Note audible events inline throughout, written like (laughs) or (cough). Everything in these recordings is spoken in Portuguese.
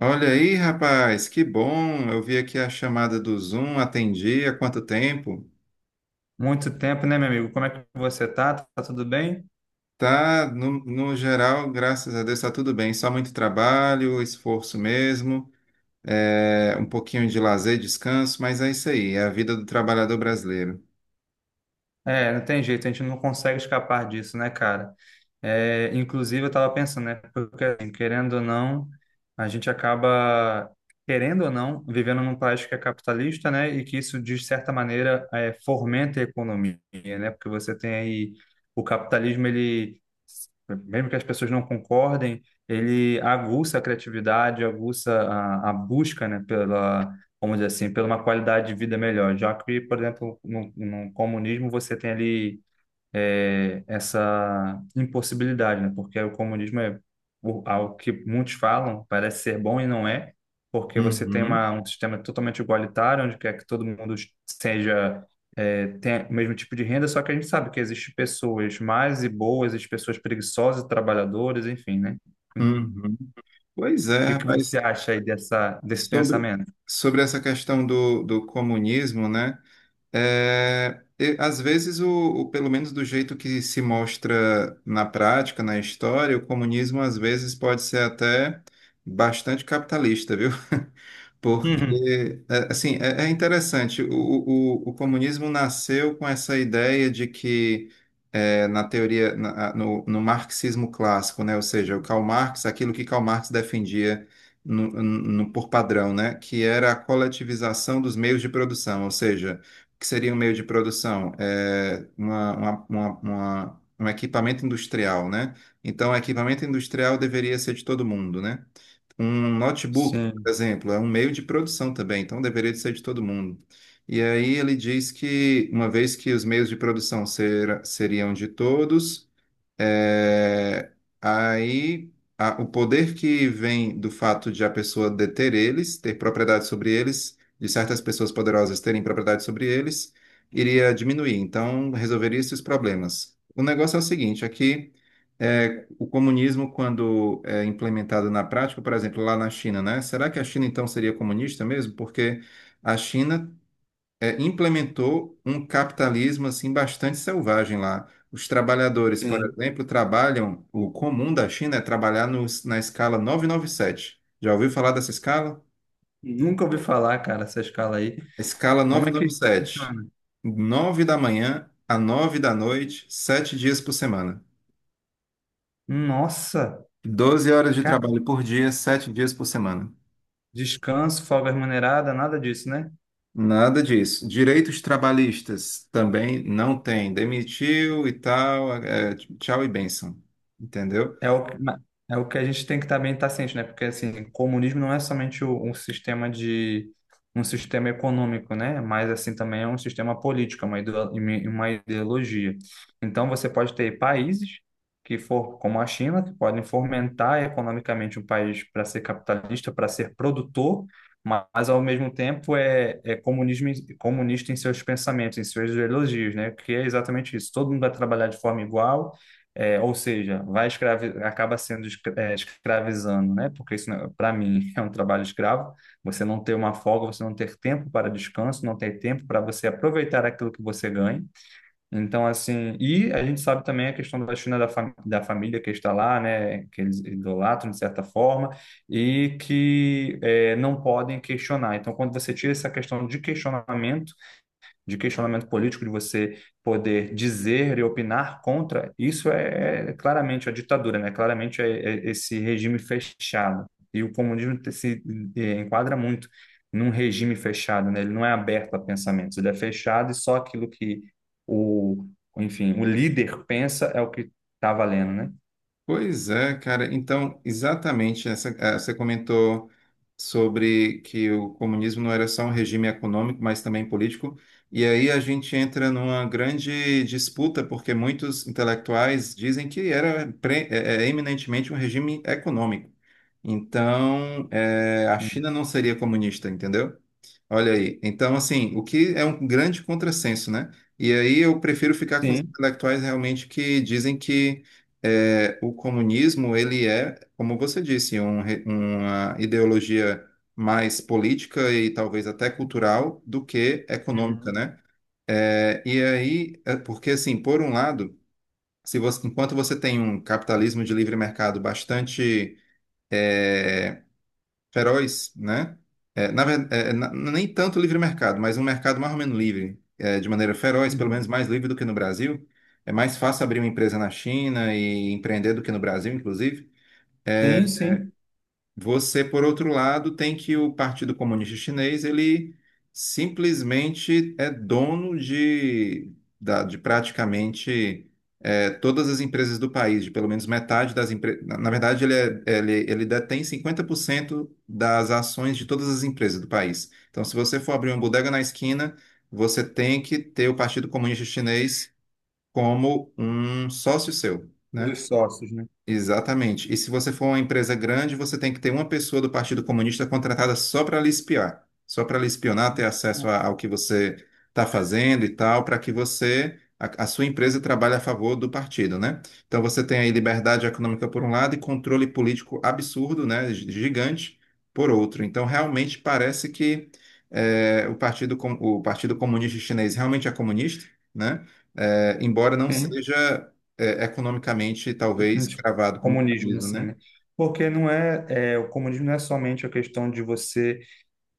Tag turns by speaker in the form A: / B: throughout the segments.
A: Olha aí, rapaz, que bom. Eu vi aqui a chamada do Zoom, atendi há quanto tempo?
B: Muito tempo, né, meu amigo? Como é que você tá? Tá tudo bem?
A: Tá, no geral, graças a Deus, tá tudo bem. Só muito trabalho, esforço mesmo, um pouquinho de lazer, descanso, mas é isso aí, é a vida do trabalhador brasileiro.
B: É, não tem jeito, a gente não consegue escapar disso, né, cara? É, inclusive, eu tava pensando, né? Porque, assim, querendo ou não, a gente acaba, querendo ou não, vivendo num país que é capitalista, né? E que isso, de certa maneira, é, fomenta a economia, né? Porque você tem aí o capitalismo, ele, mesmo que as pessoas não concordem, ele aguça a criatividade, aguça a busca, né, pela vamos dizer assim, por uma qualidade de vida melhor. Já que, por exemplo, no comunismo você tem ali é, essa impossibilidade, né? Porque o comunismo é algo que muitos falam, parece ser bom e não é, porque você tem
A: Uhum,
B: uma, um sistema totalmente igualitário, onde quer que todo mundo seja. É, tenha o mesmo tipo de renda, só que a gente sabe que existem pessoas más e boas, existem pessoas preguiçosas, e trabalhadoras, enfim, né? O
A: uhum. Pois é,
B: que que
A: rapaz,
B: você acha aí desse
A: sobre,
B: pensamento?
A: sobre essa questão do comunismo, né? Às vezes, pelo menos do jeito que se mostra na prática, na história, o comunismo às vezes pode ser até bastante capitalista, viu? Porque, assim, é interessante, o comunismo nasceu com essa ideia de que, na teoria, no marxismo clássico, né, ou seja, o Karl Marx, aquilo que Karl Marx defendia por padrão, né, que era a coletivização dos meios de produção, ou seja, o que seria um meio de produção? É um equipamento industrial, né? Então, o equipamento industrial deveria ser de todo mundo, né? Um
B: (laughs)
A: notebook, por
B: Sim,
A: exemplo, é um meio de produção também, então deveria de ser de todo mundo. E aí ele diz que, uma vez que os meios de produção seriam de todos, é, aí o poder que vem do fato de a pessoa deter eles, ter propriedade sobre eles, de certas pessoas poderosas terem propriedade sobre eles, iria diminuir. Então, resolveria esses problemas. O negócio é o seguinte, o comunismo, quando é implementado na prática, por exemplo, lá na China, né? Será que a China então seria comunista mesmo? Porque a China implementou um capitalismo assim bastante selvagem lá. Os trabalhadores, por
B: sim.
A: exemplo, trabalham, o comum da China é trabalhar na escala 997. Já ouviu falar dessa escala?
B: Nunca ouvi falar, cara, essa escala aí.
A: Escala
B: Como é que
A: novecentos
B: funciona?
A: e noventa e sete. 9 da manhã a 9 da noite, 7 dias por semana.
B: Nossa,
A: 12 horas de
B: cara,
A: trabalho por dia, 7 dias por semana.
B: descanso, folga remunerada, nada disso, né?
A: Nada disso. Direitos trabalhistas também não tem. Demitiu e tal, é, tchau e bênção. Entendeu?
B: É o, que- ma- É o que a gente tem que também estar ciente, né? Porque, assim, comunismo não é somente um sistema de... um sistema econômico, né? Mas, assim, também é um sistema político, é uma uma ideologia. Então, você pode ter países que for como a China, que podem fomentar economicamente um país para ser capitalista, para ser produtor, mas, ao mesmo tempo, é comunismo, comunista em seus pensamentos, em suas ideologias, né? Que é exatamente isso. Todo mundo vai trabalhar de forma igual, é, ou seja, vai escravi acaba sendo escravizando, né? Porque isso, para mim, (laughs) é um trabalho escravo. Você não ter uma folga, você não ter tempo para descanso, não ter tempo para você aproveitar aquilo que você ganha. Então, assim, e a gente sabe também a questão da China da família que está lá, né? Que eles idolatram de certa forma e que eh, não podem questionar. Então, quando você tira essa questão de questionamento político, de você poder dizer e opinar contra, isso é, é claramente a ditadura, né? Claramente é, é esse regime fechado. E o comunismo se eh, enquadra muito num regime fechado, né? Ele não é aberto a pensamentos, ele é fechado e só aquilo que o, enfim, o líder pensa é o que está valendo, né?
A: Pois é, cara. Então, exatamente, você comentou sobre que o comunismo não era só um regime econômico, mas também político. E aí a gente entra numa grande disputa, porque muitos intelectuais dizem que era eminentemente um regime econômico. Então, a
B: Uhum.
A: China não seria comunista, entendeu? Olha aí. Então, assim, o que é um grande contrassenso, né? E aí eu prefiro ficar com os
B: Sim.
A: intelectuais realmente que dizem que o comunismo, ele é, como você disse, uma ideologia mais política e talvez até cultural do que econômica,
B: Uhum.
A: né? É, e aí, é porque assim, por um lado, se você- enquanto você tem um capitalismo de livre mercado bastante é, feroz, né? É, na, ver- é, na- nem tanto livre mercado, mas um mercado mais ou menos livre, é, de maneira feroz, pelo menos
B: Uhum.
A: mais livre do que no Brasil. É mais fácil abrir uma empresa na China e empreender do que no Brasil, inclusive.
B: Sim, sim.
A: Você, por outro lado, tem que o Partido Comunista Chinês, ele simplesmente é dono de praticamente todas as empresas do país, de pelo menos metade das empresas. Na verdade, ele detém 50% das ações de todas as empresas do país. Então, se você for abrir uma bodega na esquina, você tem que ter o Partido Comunista Chinês como um sócio seu,
B: Um
A: né?
B: dos sócios, né?
A: Exatamente. E se você for uma empresa grande, você tem que ter uma pessoa do Partido Comunista contratada só para lhe espiar, só para lhe espionar, ter acesso ao que você está fazendo e tal, para que você, a sua empresa trabalhe a favor do partido, né? Então você tem aí liberdade econômica por um lado e controle político absurdo, né, gigante, por outro. Então realmente parece que o Partido Comunista Chinês realmente é comunista, né? Eh, embora não
B: Sim.
A: seja economicamente, talvez,
B: Tipo,
A: cravado como
B: comunismo
A: comunismo,
B: assim,
A: né?
B: né? Porque não é, é, o comunismo não é somente a questão de você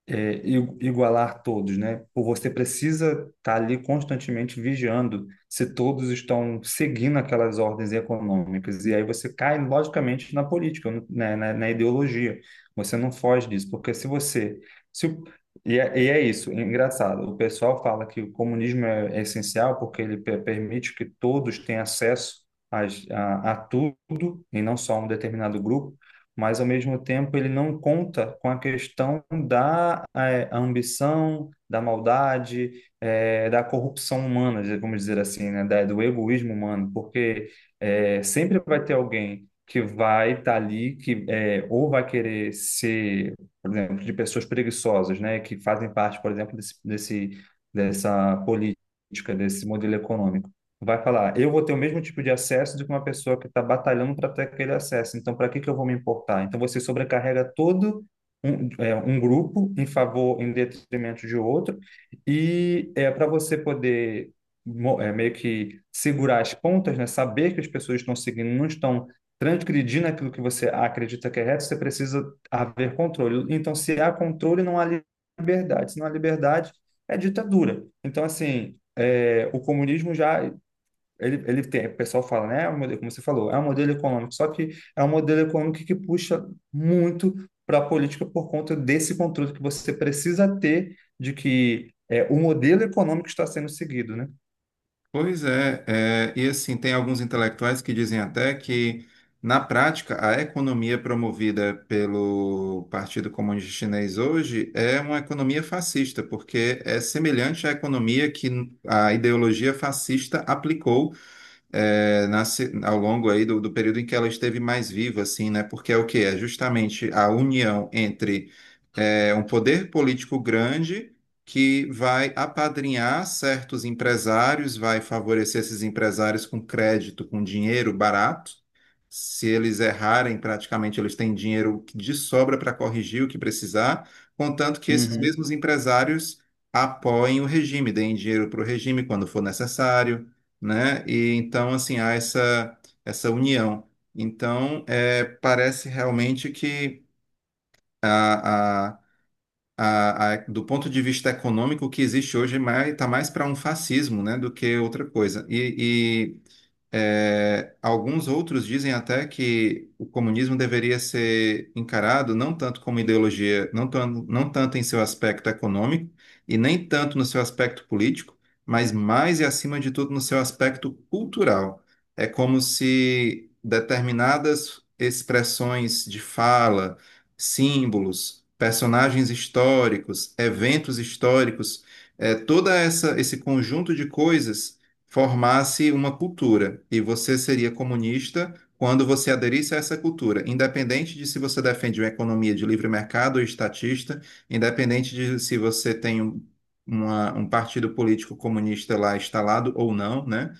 B: é, igualar todos, né? Você precisa estar ali constantemente vigiando se todos estão seguindo aquelas ordens econômicas. E aí você cai, logicamente, na política, na ideologia. Você não foge disso, porque se você. Se, o- E, é, e é isso, é engraçado. O pessoal fala que o comunismo é, é essencial porque ele permite que todos tenham acesso. A tudo e não só um determinado grupo, mas ao mesmo tempo ele não conta com a questão da eh, ambição, da maldade, eh, da corrupção humana, vamos dizer assim, né, do egoísmo humano, porque eh, sempre vai ter alguém que vai estar ali, que eh, ou vai querer ser, por exemplo, de pessoas preguiçosas, né, que fazem parte, por exemplo, dessa política, desse modelo econômico vai falar, eu vou ter o mesmo tipo de acesso do que uma pessoa que está batalhando para ter aquele acesso. Então, para que que eu vou me importar? Então, você sobrecarrega todo um, é, um grupo em favor, em detrimento de outro, e é para você poder é, meio que segurar as pontas, né? Saber que as pessoas estão seguindo, não estão transgredindo aquilo que você acredita que é reto, você precisa haver controle. Então, se há controle, não há liberdade. Se não há liberdade, é ditadura. Então, assim, é, o comunismo já ele, ele tem, o pessoal fala, né? É um modelo, como você falou, é um modelo econômico, só que é um modelo econômico que puxa muito para a política por conta desse controle que você precisa ter de que é, o modelo econômico está sendo seguido, né?
A: Pois é, é, e assim, tem alguns intelectuais que dizem até que, na prática, a economia promovida pelo Partido Comunista Chinês hoje é uma economia fascista, porque é semelhante à economia que a ideologia fascista aplicou nasce ao longo aí do período em que ela esteve mais viva, assim, né? Porque é o que É justamente a união entre um poder político grande que vai apadrinhar certos empresários, vai favorecer esses empresários com crédito, com dinheiro barato. Se eles errarem, praticamente eles têm dinheiro de sobra para corrigir o que precisar, contanto que esses
B: Uhum,
A: mesmos empresários apoiem o regime, deem dinheiro para o regime quando for necessário né? E então, assim, essa união. Então, é, parece realmente que a, a, do ponto de vista econômico, o que existe hoje tá mais para um fascismo, né, do que outra coisa. E, é, alguns outros dizem até que o comunismo deveria ser encarado não tanto como ideologia, não tanto em seu aspecto econômico e nem tanto no seu aspecto político, mas mais e acima de tudo no seu aspecto cultural. É como se determinadas expressões de fala, símbolos, personagens históricos, eventos históricos, é, toda essa esse conjunto de coisas formasse uma cultura e você seria comunista quando você aderisse a essa cultura, independente de se você defende uma economia de livre mercado ou estatista, independente de se você tem um partido político comunista lá instalado ou não, né?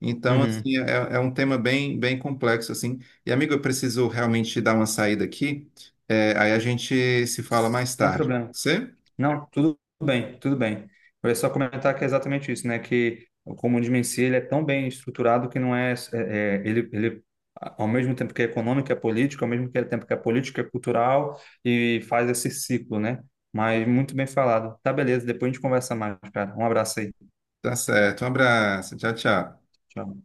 A: Então,
B: uhum.
A: assim, é, é é um tema bem, bem complexo, assim. E, amigo, eu preciso realmente dar uma saída aqui. É, aí a gente se fala mais
B: Não é
A: tarde.
B: problema.
A: Você?
B: Não, tudo bem, tudo bem. Eu ia só comentar que é exatamente isso, né? Que o comunismo em si ele é tão bem estruturado que não é, é, é, ele ao mesmo tempo que é econômico, é político, ao mesmo tempo que é político, é cultural e faz esse ciclo, né? Mas muito bem falado. Tá, beleza. Depois a gente conversa mais, cara. Um abraço aí.
A: Tá certo. Um abraço. Tchau, tchau.
B: Tchau.